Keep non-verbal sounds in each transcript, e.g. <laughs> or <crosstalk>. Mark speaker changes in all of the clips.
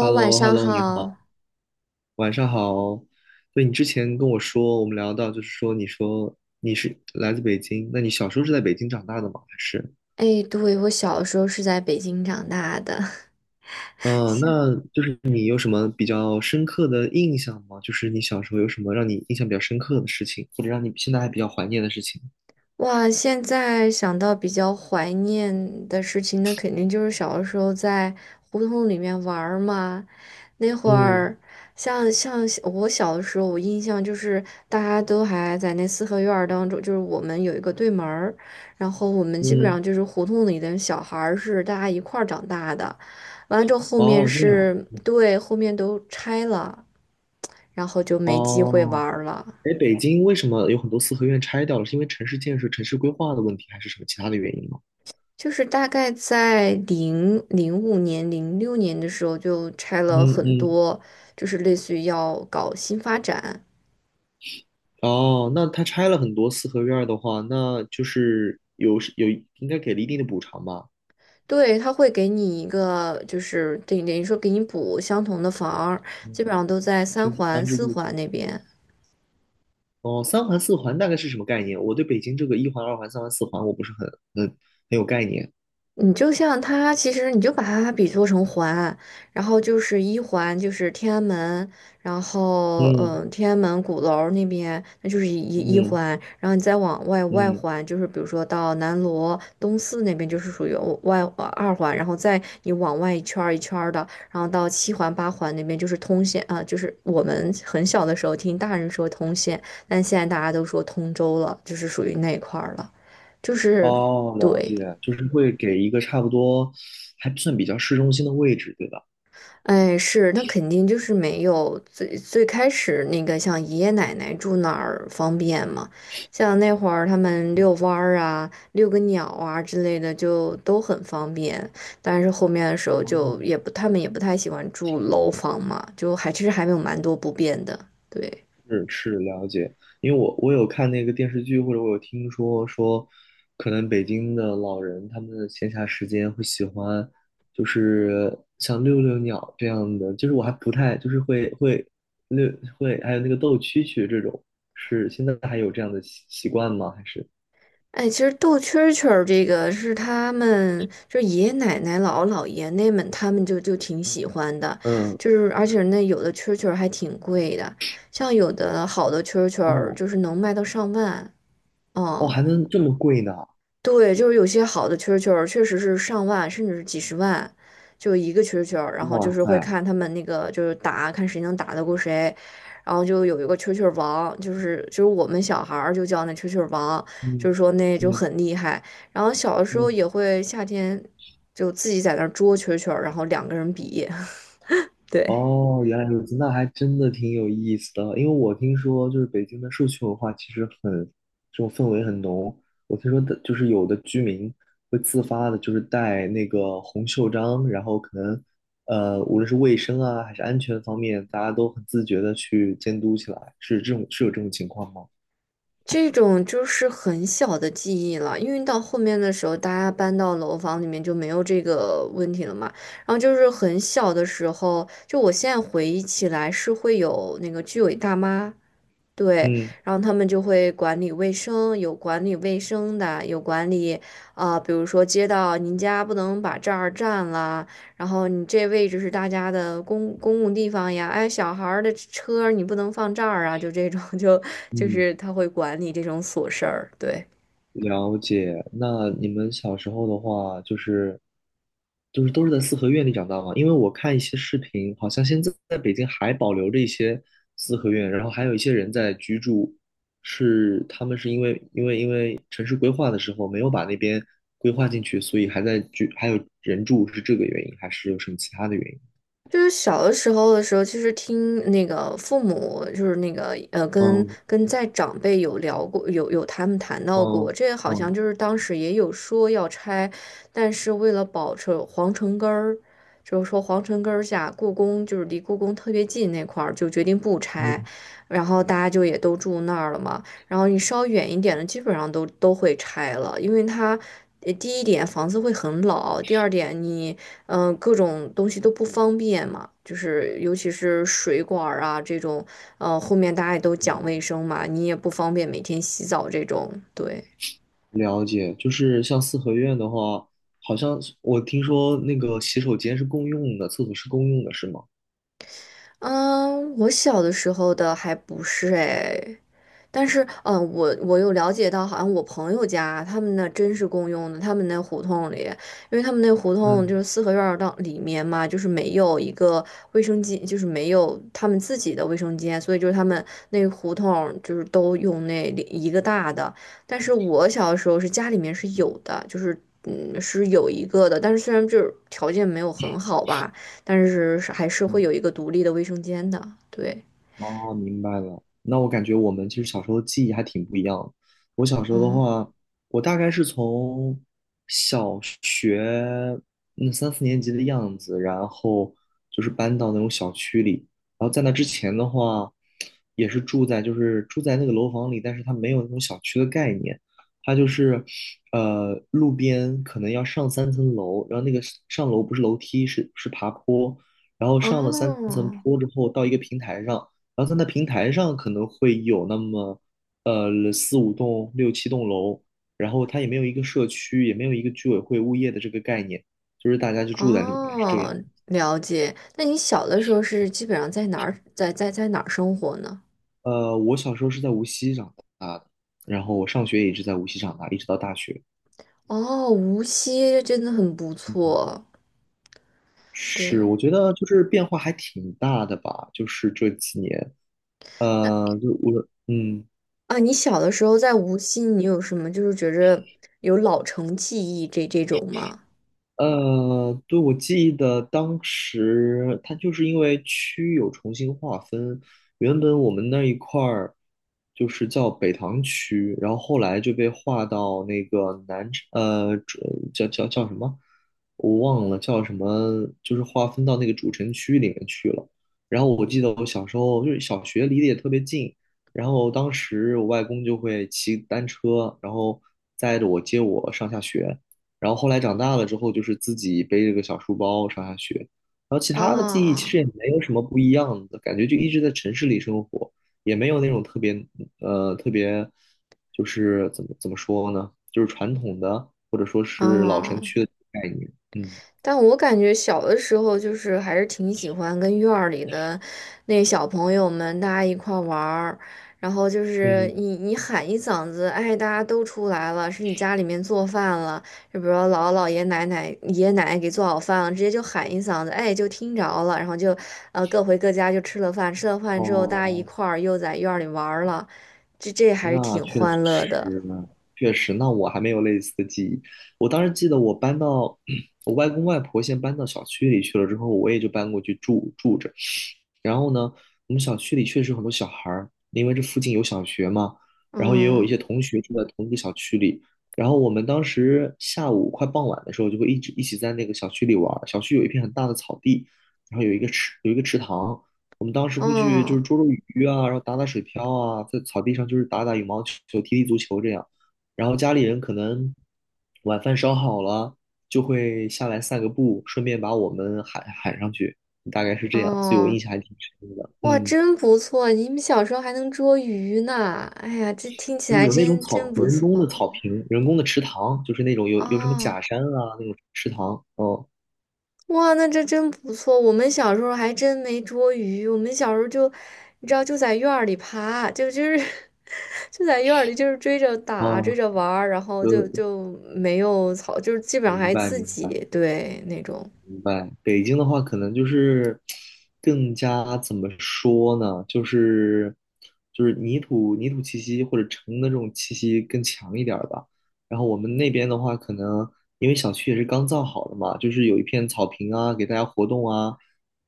Speaker 1: h e l l
Speaker 2: 晚
Speaker 1: o h e l
Speaker 2: 上
Speaker 1: l o 你
Speaker 2: 好。
Speaker 1: 好，晚上好。对，你之前跟我说，我们聊到，你说你是来自北京，那你小时候是在北京长大的吗？
Speaker 2: 哎，对，我小时候是在北京长大的。<laughs>
Speaker 1: 嗯、
Speaker 2: 现
Speaker 1: 那就是你有什么比较深刻的印象吗？就是你小时候有什么让你印象比较深刻的事情，或者让你现在还比较怀念的事情？
Speaker 2: 哇，现在想到比较怀念的事情，那肯定就是小的时候在胡同里面玩儿嘛。那会
Speaker 1: 嗯
Speaker 2: 儿，像我小的时候，我印象就是大家都还在那四合院儿当中，就是我们有一个对门儿，然后我们基本
Speaker 1: 嗯。
Speaker 2: 上就是胡同里的小孩儿是大家一块儿长大的。完了之后，后面
Speaker 1: 哦，这样。
Speaker 2: 是对，后面都拆了，然后就没机会
Speaker 1: 哦，
Speaker 2: 玩了。
Speaker 1: 哎，北京为什么有很多四合院拆掉了？是因为城市建设、城市规划的问题，还是什么其他的原因吗？
Speaker 2: 就是大概在零零五年、零六年的时候，就拆了
Speaker 1: 嗯
Speaker 2: 很
Speaker 1: 嗯。
Speaker 2: 多，就是类似于要搞新发展，
Speaker 1: 哦，那他拆了很多四合院儿的话，那就是有应该给了一定的补偿吧？
Speaker 2: 对，他会给你一个，就是等于说给你补相同的房儿基本
Speaker 1: 嗯，
Speaker 2: 上都在三
Speaker 1: 性质
Speaker 2: 环、
Speaker 1: 安置
Speaker 2: 四
Speaker 1: 住宿。
Speaker 2: 环那边。
Speaker 1: 哦，三环四环大概是什么概念？我对北京这个一环、二环、三环、四环我不是很很有概念。
Speaker 2: 你就像它，其实你就把它比作成环，然后就是一环就是天安门，然后
Speaker 1: 嗯
Speaker 2: 天安门鼓楼儿那边那就是一一
Speaker 1: 嗯
Speaker 2: 环，然后你再往外外
Speaker 1: 嗯。
Speaker 2: 环就是比如说到南锣东四那边就是属于哦外呃二环，然后再你往外一圈儿一圈儿的，然后到七环八环那边就是通县啊、就是我们很小的时候听大人说通县，但现在大家都说通州了，就是属于那一块儿了，就是
Speaker 1: 哦，了
Speaker 2: 对。
Speaker 1: 解，就是会给一个差不多还算比较市中心的位置，对吧？
Speaker 2: 哎，是，那肯定就是没有最最开始那个像爷爷奶奶住哪儿方便嘛，像那会儿他们
Speaker 1: 嗯。
Speaker 2: 遛弯儿啊、遛个鸟啊之类的就都很方便，但是后面的时候就也
Speaker 1: 哦，
Speaker 2: 不，他们也不太喜欢住楼房嘛，就还其实还没有蛮多不便的，对。
Speaker 1: 是是，了解。因为我有看那个电视剧，或者我有听说，可能北京的老人他们的闲暇时间会喜欢，就是像遛遛鸟这样的，就是我还不太就是会会遛会，还有那个斗蛐蛐这种，是现在还有这样的习惯吗？还是
Speaker 2: 哎，其实斗蛐儿蛐儿这个是他们，就是爷爷奶奶、姥姥姥爷那们，他们就挺喜欢的，
Speaker 1: 嗯。
Speaker 2: 就是而且那有的蛐儿蛐儿还挺贵的，像有的好的蛐儿蛐儿
Speaker 1: 哦，
Speaker 2: 就是能卖到上万，
Speaker 1: 哦
Speaker 2: 嗯。
Speaker 1: 还能这么贵呢？
Speaker 2: 对，就是有些好的蛐儿蛐儿确实是上万，甚至是几十万，就一个蛐儿蛐儿，然后
Speaker 1: 哇
Speaker 2: 就是会
Speaker 1: 塞。
Speaker 2: 看他们那个就是打，看谁能打得过谁，然后就有一个蛐儿蛐儿王，就是我们小孩儿就叫那蛐儿蛐儿王，就
Speaker 1: 嗯
Speaker 2: 是说那就
Speaker 1: 嗯
Speaker 2: 很厉害。然后小的时候
Speaker 1: 嗯。
Speaker 2: 也会夏天就自己在那儿捉蛐儿蛐儿，然后两个人比，<laughs> 对。
Speaker 1: 哦，原来如此，那还真的挺有意思的。因为我听说，就是北京的社区文化其实很，这种氛围很浓。我听说的，就是有的居民会自发的，就是带那个红袖章，然后可能，无论是卫生啊，还是安全方面，大家都很自觉的去监督起来。是这种，是有这种情况吗？
Speaker 2: 这种就是很小的记忆了，因为到后面的时候，大家搬到楼房里面就没有这个问题了嘛。然后就是很小的时候，就我现在回忆起来是会有那个居委大妈，对，
Speaker 1: 嗯
Speaker 2: 然后他们就会管理卫生，有管理卫生的，有管理，啊、比如说街道，您家不能把这儿占了，然后你这位置是大家的公共地方呀，哎，小孩儿的车你不能放这儿啊，就这种，<laughs> 就就
Speaker 1: 嗯。
Speaker 2: 是他会管理这种琐事儿，对。
Speaker 1: 了解。那你们小时候的话，就是就是都是在四合院里长大吗？因为我看一些视频，好像现在在北京还保留着一些四合院，然后还有一些人在居住，是他们是因为城市规划的时候没有把那边规划进去，所以还在居，还有人住，是这个原因，还是有什么其他的原因？
Speaker 2: 就是小的时候，其实听那个父母，就是那个跟
Speaker 1: 嗯
Speaker 2: 跟在长辈有聊过，有他们谈到过，
Speaker 1: 嗯
Speaker 2: 这个好像
Speaker 1: 嗯
Speaker 2: 就是当时也有说要拆，但是为了保持皇城根儿，就是说皇城根儿下故宫就是离故宫特别近那块儿，就决定不拆，
Speaker 1: 嗯。
Speaker 2: 然后大家就也都住那儿了嘛，然后你稍远一点的基本上都会拆了，因为它。第一点，房子会很老；第二点，各种东西都不方便嘛，就是尤其是水管儿啊这种，后面大家也都讲卫生嘛，你也不方便每天洗澡这种，对。
Speaker 1: 了解，就是像四合院的话，好像是我听说那个洗手间是共用的，厕所是共用的，是吗？
Speaker 2: 嗯，我小的时候的还不是哎，但是，我有了解到，好像我朋友家他们那真是共用的，他们那胡同里，因为他们那胡同就
Speaker 1: 嗯
Speaker 2: 是四合院儿到里面嘛，就是没有一个卫生间，就是没有他们自己的卫生间，所以就是他们那个胡同就是都用那里一个大的。但是我小的时候是家里面是有的，就是是有一个的，但是虽然就是条件没有很好吧，但是是还是会
Speaker 1: 嗯。
Speaker 2: 有一个独立的卫生间的，对，
Speaker 1: 哦，明白了。那我感觉我们其实小时候记忆还挺不一样的。我小时候的
Speaker 2: 嗯，
Speaker 1: 话，我大概是从小学那三四年级的样子，然后就是搬到那种小区里。然后在那之前的话，也是就是住在那个楼房里，但是它没有那种小区的概念，它就是路边可能要上三层楼，然后那个上楼不是楼梯，是爬坡。然后上了三层
Speaker 2: 哦。
Speaker 1: 坡之后，到一个平台上，然后在那平台上可能会有那么四五栋、六七栋楼，然后它也没有一个社区，也没有一个居委会物业的这个概念，就是大家就住在里面是这
Speaker 2: 哦，
Speaker 1: 样。
Speaker 2: 了解。那你小的时候是基本上在哪儿，在哪儿生活呢？
Speaker 1: 我小时候是在无锡长大的，然后我上学也一直在无锡长大，一直到大学。
Speaker 2: 哦，无锡真的很不
Speaker 1: 嗯，
Speaker 2: 错。
Speaker 1: 是，
Speaker 2: 对，
Speaker 1: 我觉得就是变化还挺大的吧，就是这几年，
Speaker 2: 那
Speaker 1: 就我，嗯。
Speaker 2: 啊，你小的时候在无锡，你有什么就是觉着有老城记忆这种吗？
Speaker 1: 对，我记得当时，它就是因为区有重新划分，原本我们那一块儿就是叫北塘区，然后后来就被划到那个南城，主叫什么，我忘了叫什么，就是划分到那个主城区里面去了。然后我记得我小时候就是小学离得也特别近，然后当时我外公就会骑单车，然后载着我上下学。然后后来长大了之后，就是自己背着个小书包上下学，然后其
Speaker 2: 啊
Speaker 1: 他的记忆其实也
Speaker 2: 啊，
Speaker 1: 没有什么不一样的感觉，就一直在城市里生活，也没有那种特别就是怎么说呢，就是传统的或者说是老城
Speaker 2: 哦
Speaker 1: 区的概念，嗯
Speaker 2: 但我感觉小的时候就是还是挺喜欢跟院儿里的那小朋友们大家一块儿玩儿，然后就是
Speaker 1: 嗯。
Speaker 2: 你喊一嗓子，哎，大家都出来了，是你家里面做饭了，就比如说姥姥姥爷奶奶爷爷奶奶给做好饭了，直接就喊一嗓子，哎，就听着了，然后就各回各家就吃了饭，吃了饭之后大家一
Speaker 1: 哦，
Speaker 2: 块儿又在院儿里玩儿了，这还是
Speaker 1: 那
Speaker 2: 挺
Speaker 1: 确
Speaker 2: 欢乐的，
Speaker 1: 实呢，确实，那我还没有类似的记忆。我当时记得我搬到 <clears throat> 我外公外婆先搬到小区里去了之后，我也就搬过去住着。然后呢，我们小区里确实有很多小孩儿，因为这附近有小学嘛，然后也有一
Speaker 2: 嗯，
Speaker 1: 些同学住在同一个小区里。然后我们当时下午快傍晚的时候，就会一直一起在那个小区里玩儿。小区有一片很大的草地，然后有一个池塘。我们当时会去就是
Speaker 2: 哦。
Speaker 1: 捉捉鱼啊，然后打打水漂啊，在草地上就是打打羽毛球、踢踢足球这样。然后家里人可能晚饭烧好了，就会下来散个步，顺便把我们喊喊上去。大概是这样，所以我
Speaker 2: 哦，
Speaker 1: 印象还挺深的。
Speaker 2: 哇，
Speaker 1: 嗯，
Speaker 2: 真不错！你们小时候还能捉鱼呢，哎呀，这听起来
Speaker 1: 有那种
Speaker 2: 真
Speaker 1: 草，
Speaker 2: 不
Speaker 1: 人工的
Speaker 2: 错
Speaker 1: 草坪，人工的池塘，就是那种有什么假
Speaker 2: 哦。
Speaker 1: 山啊那种池塘。哦，
Speaker 2: 哇，那这真不错。我们小时候还真没捉鱼，我们小时候就，你知道，就在院儿里爬，就是 <laughs> 就在院儿里就是追着打，追
Speaker 1: 哦，
Speaker 2: 着玩儿，然后
Speaker 1: 呃，
Speaker 2: 就没有草，就是基本上
Speaker 1: 明
Speaker 2: 还
Speaker 1: 白
Speaker 2: 自
Speaker 1: 明白。
Speaker 2: 己对那种，
Speaker 1: 明白，北京的话，可能就是更加怎么说呢？就是就是泥土气息或者城的这种气息更强一点儿吧。然后我们那边的话，可能因为小区也是刚造好的嘛，就是有一片草坪啊，给大家活动啊。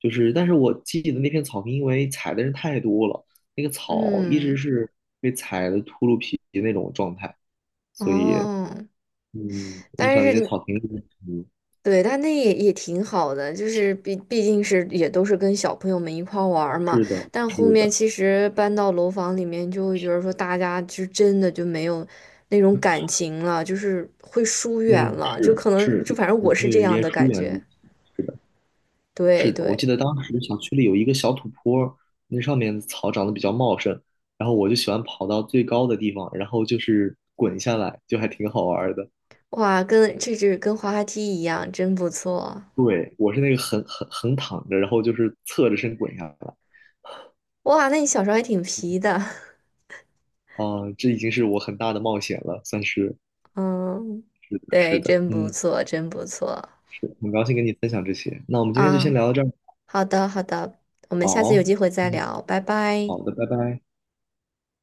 Speaker 1: 就是，但是我记得那片草坪，因为踩的人太多了，那个草一直
Speaker 2: 嗯，
Speaker 1: 是被踩的秃噜皮的那种状态，所以
Speaker 2: 哦。
Speaker 1: 嗯，影
Speaker 2: 但
Speaker 1: 响你的
Speaker 2: 是，
Speaker 1: 草坪。嗯，
Speaker 2: 对，但那也挺好的，就是毕竟是也都是跟小朋友们一块儿玩儿嘛。
Speaker 1: 是的，
Speaker 2: 但后
Speaker 1: 是
Speaker 2: 面
Speaker 1: 的。
Speaker 2: 其实搬到楼房里面，就会觉得说大家就真的就没有那种感情了，就是会疏远
Speaker 1: 嗯，
Speaker 2: 了，就
Speaker 1: 是
Speaker 2: 可能就
Speaker 1: 是，
Speaker 2: 反正我
Speaker 1: 人
Speaker 2: 是
Speaker 1: 与
Speaker 2: 这
Speaker 1: 人之
Speaker 2: 样
Speaker 1: 间
Speaker 2: 的
Speaker 1: 疏
Speaker 2: 感
Speaker 1: 远的
Speaker 2: 觉。
Speaker 1: 问题。是的，是
Speaker 2: 对
Speaker 1: 的，我
Speaker 2: 对，
Speaker 1: 记得当时小区里有一个小土坡儿，那上面的草长得比较茂盛，然后我就喜欢跑到最高的地方，然后就是滚下来，就还挺好玩儿的。
Speaker 2: 哇，跟这是跟滑滑梯一样，真不错。
Speaker 1: 对，我是那个横躺着，然后就是侧着身滚下来。
Speaker 2: 哇，那你小时候还挺皮的，
Speaker 1: 啊、这已经是我很大的冒险了，算是。
Speaker 2: <laughs> 嗯，
Speaker 1: 是的，是
Speaker 2: 对，
Speaker 1: 的，
Speaker 2: 真不
Speaker 1: 嗯，
Speaker 2: 错，真不错
Speaker 1: 是，很高兴跟你分享这些。那我们今天就先
Speaker 2: 啊。
Speaker 1: 聊到这儿。
Speaker 2: 好的，好的，我们下次有
Speaker 1: 好，
Speaker 2: 机会再
Speaker 1: 嗯，
Speaker 2: 聊，拜拜。
Speaker 1: 好的，拜拜。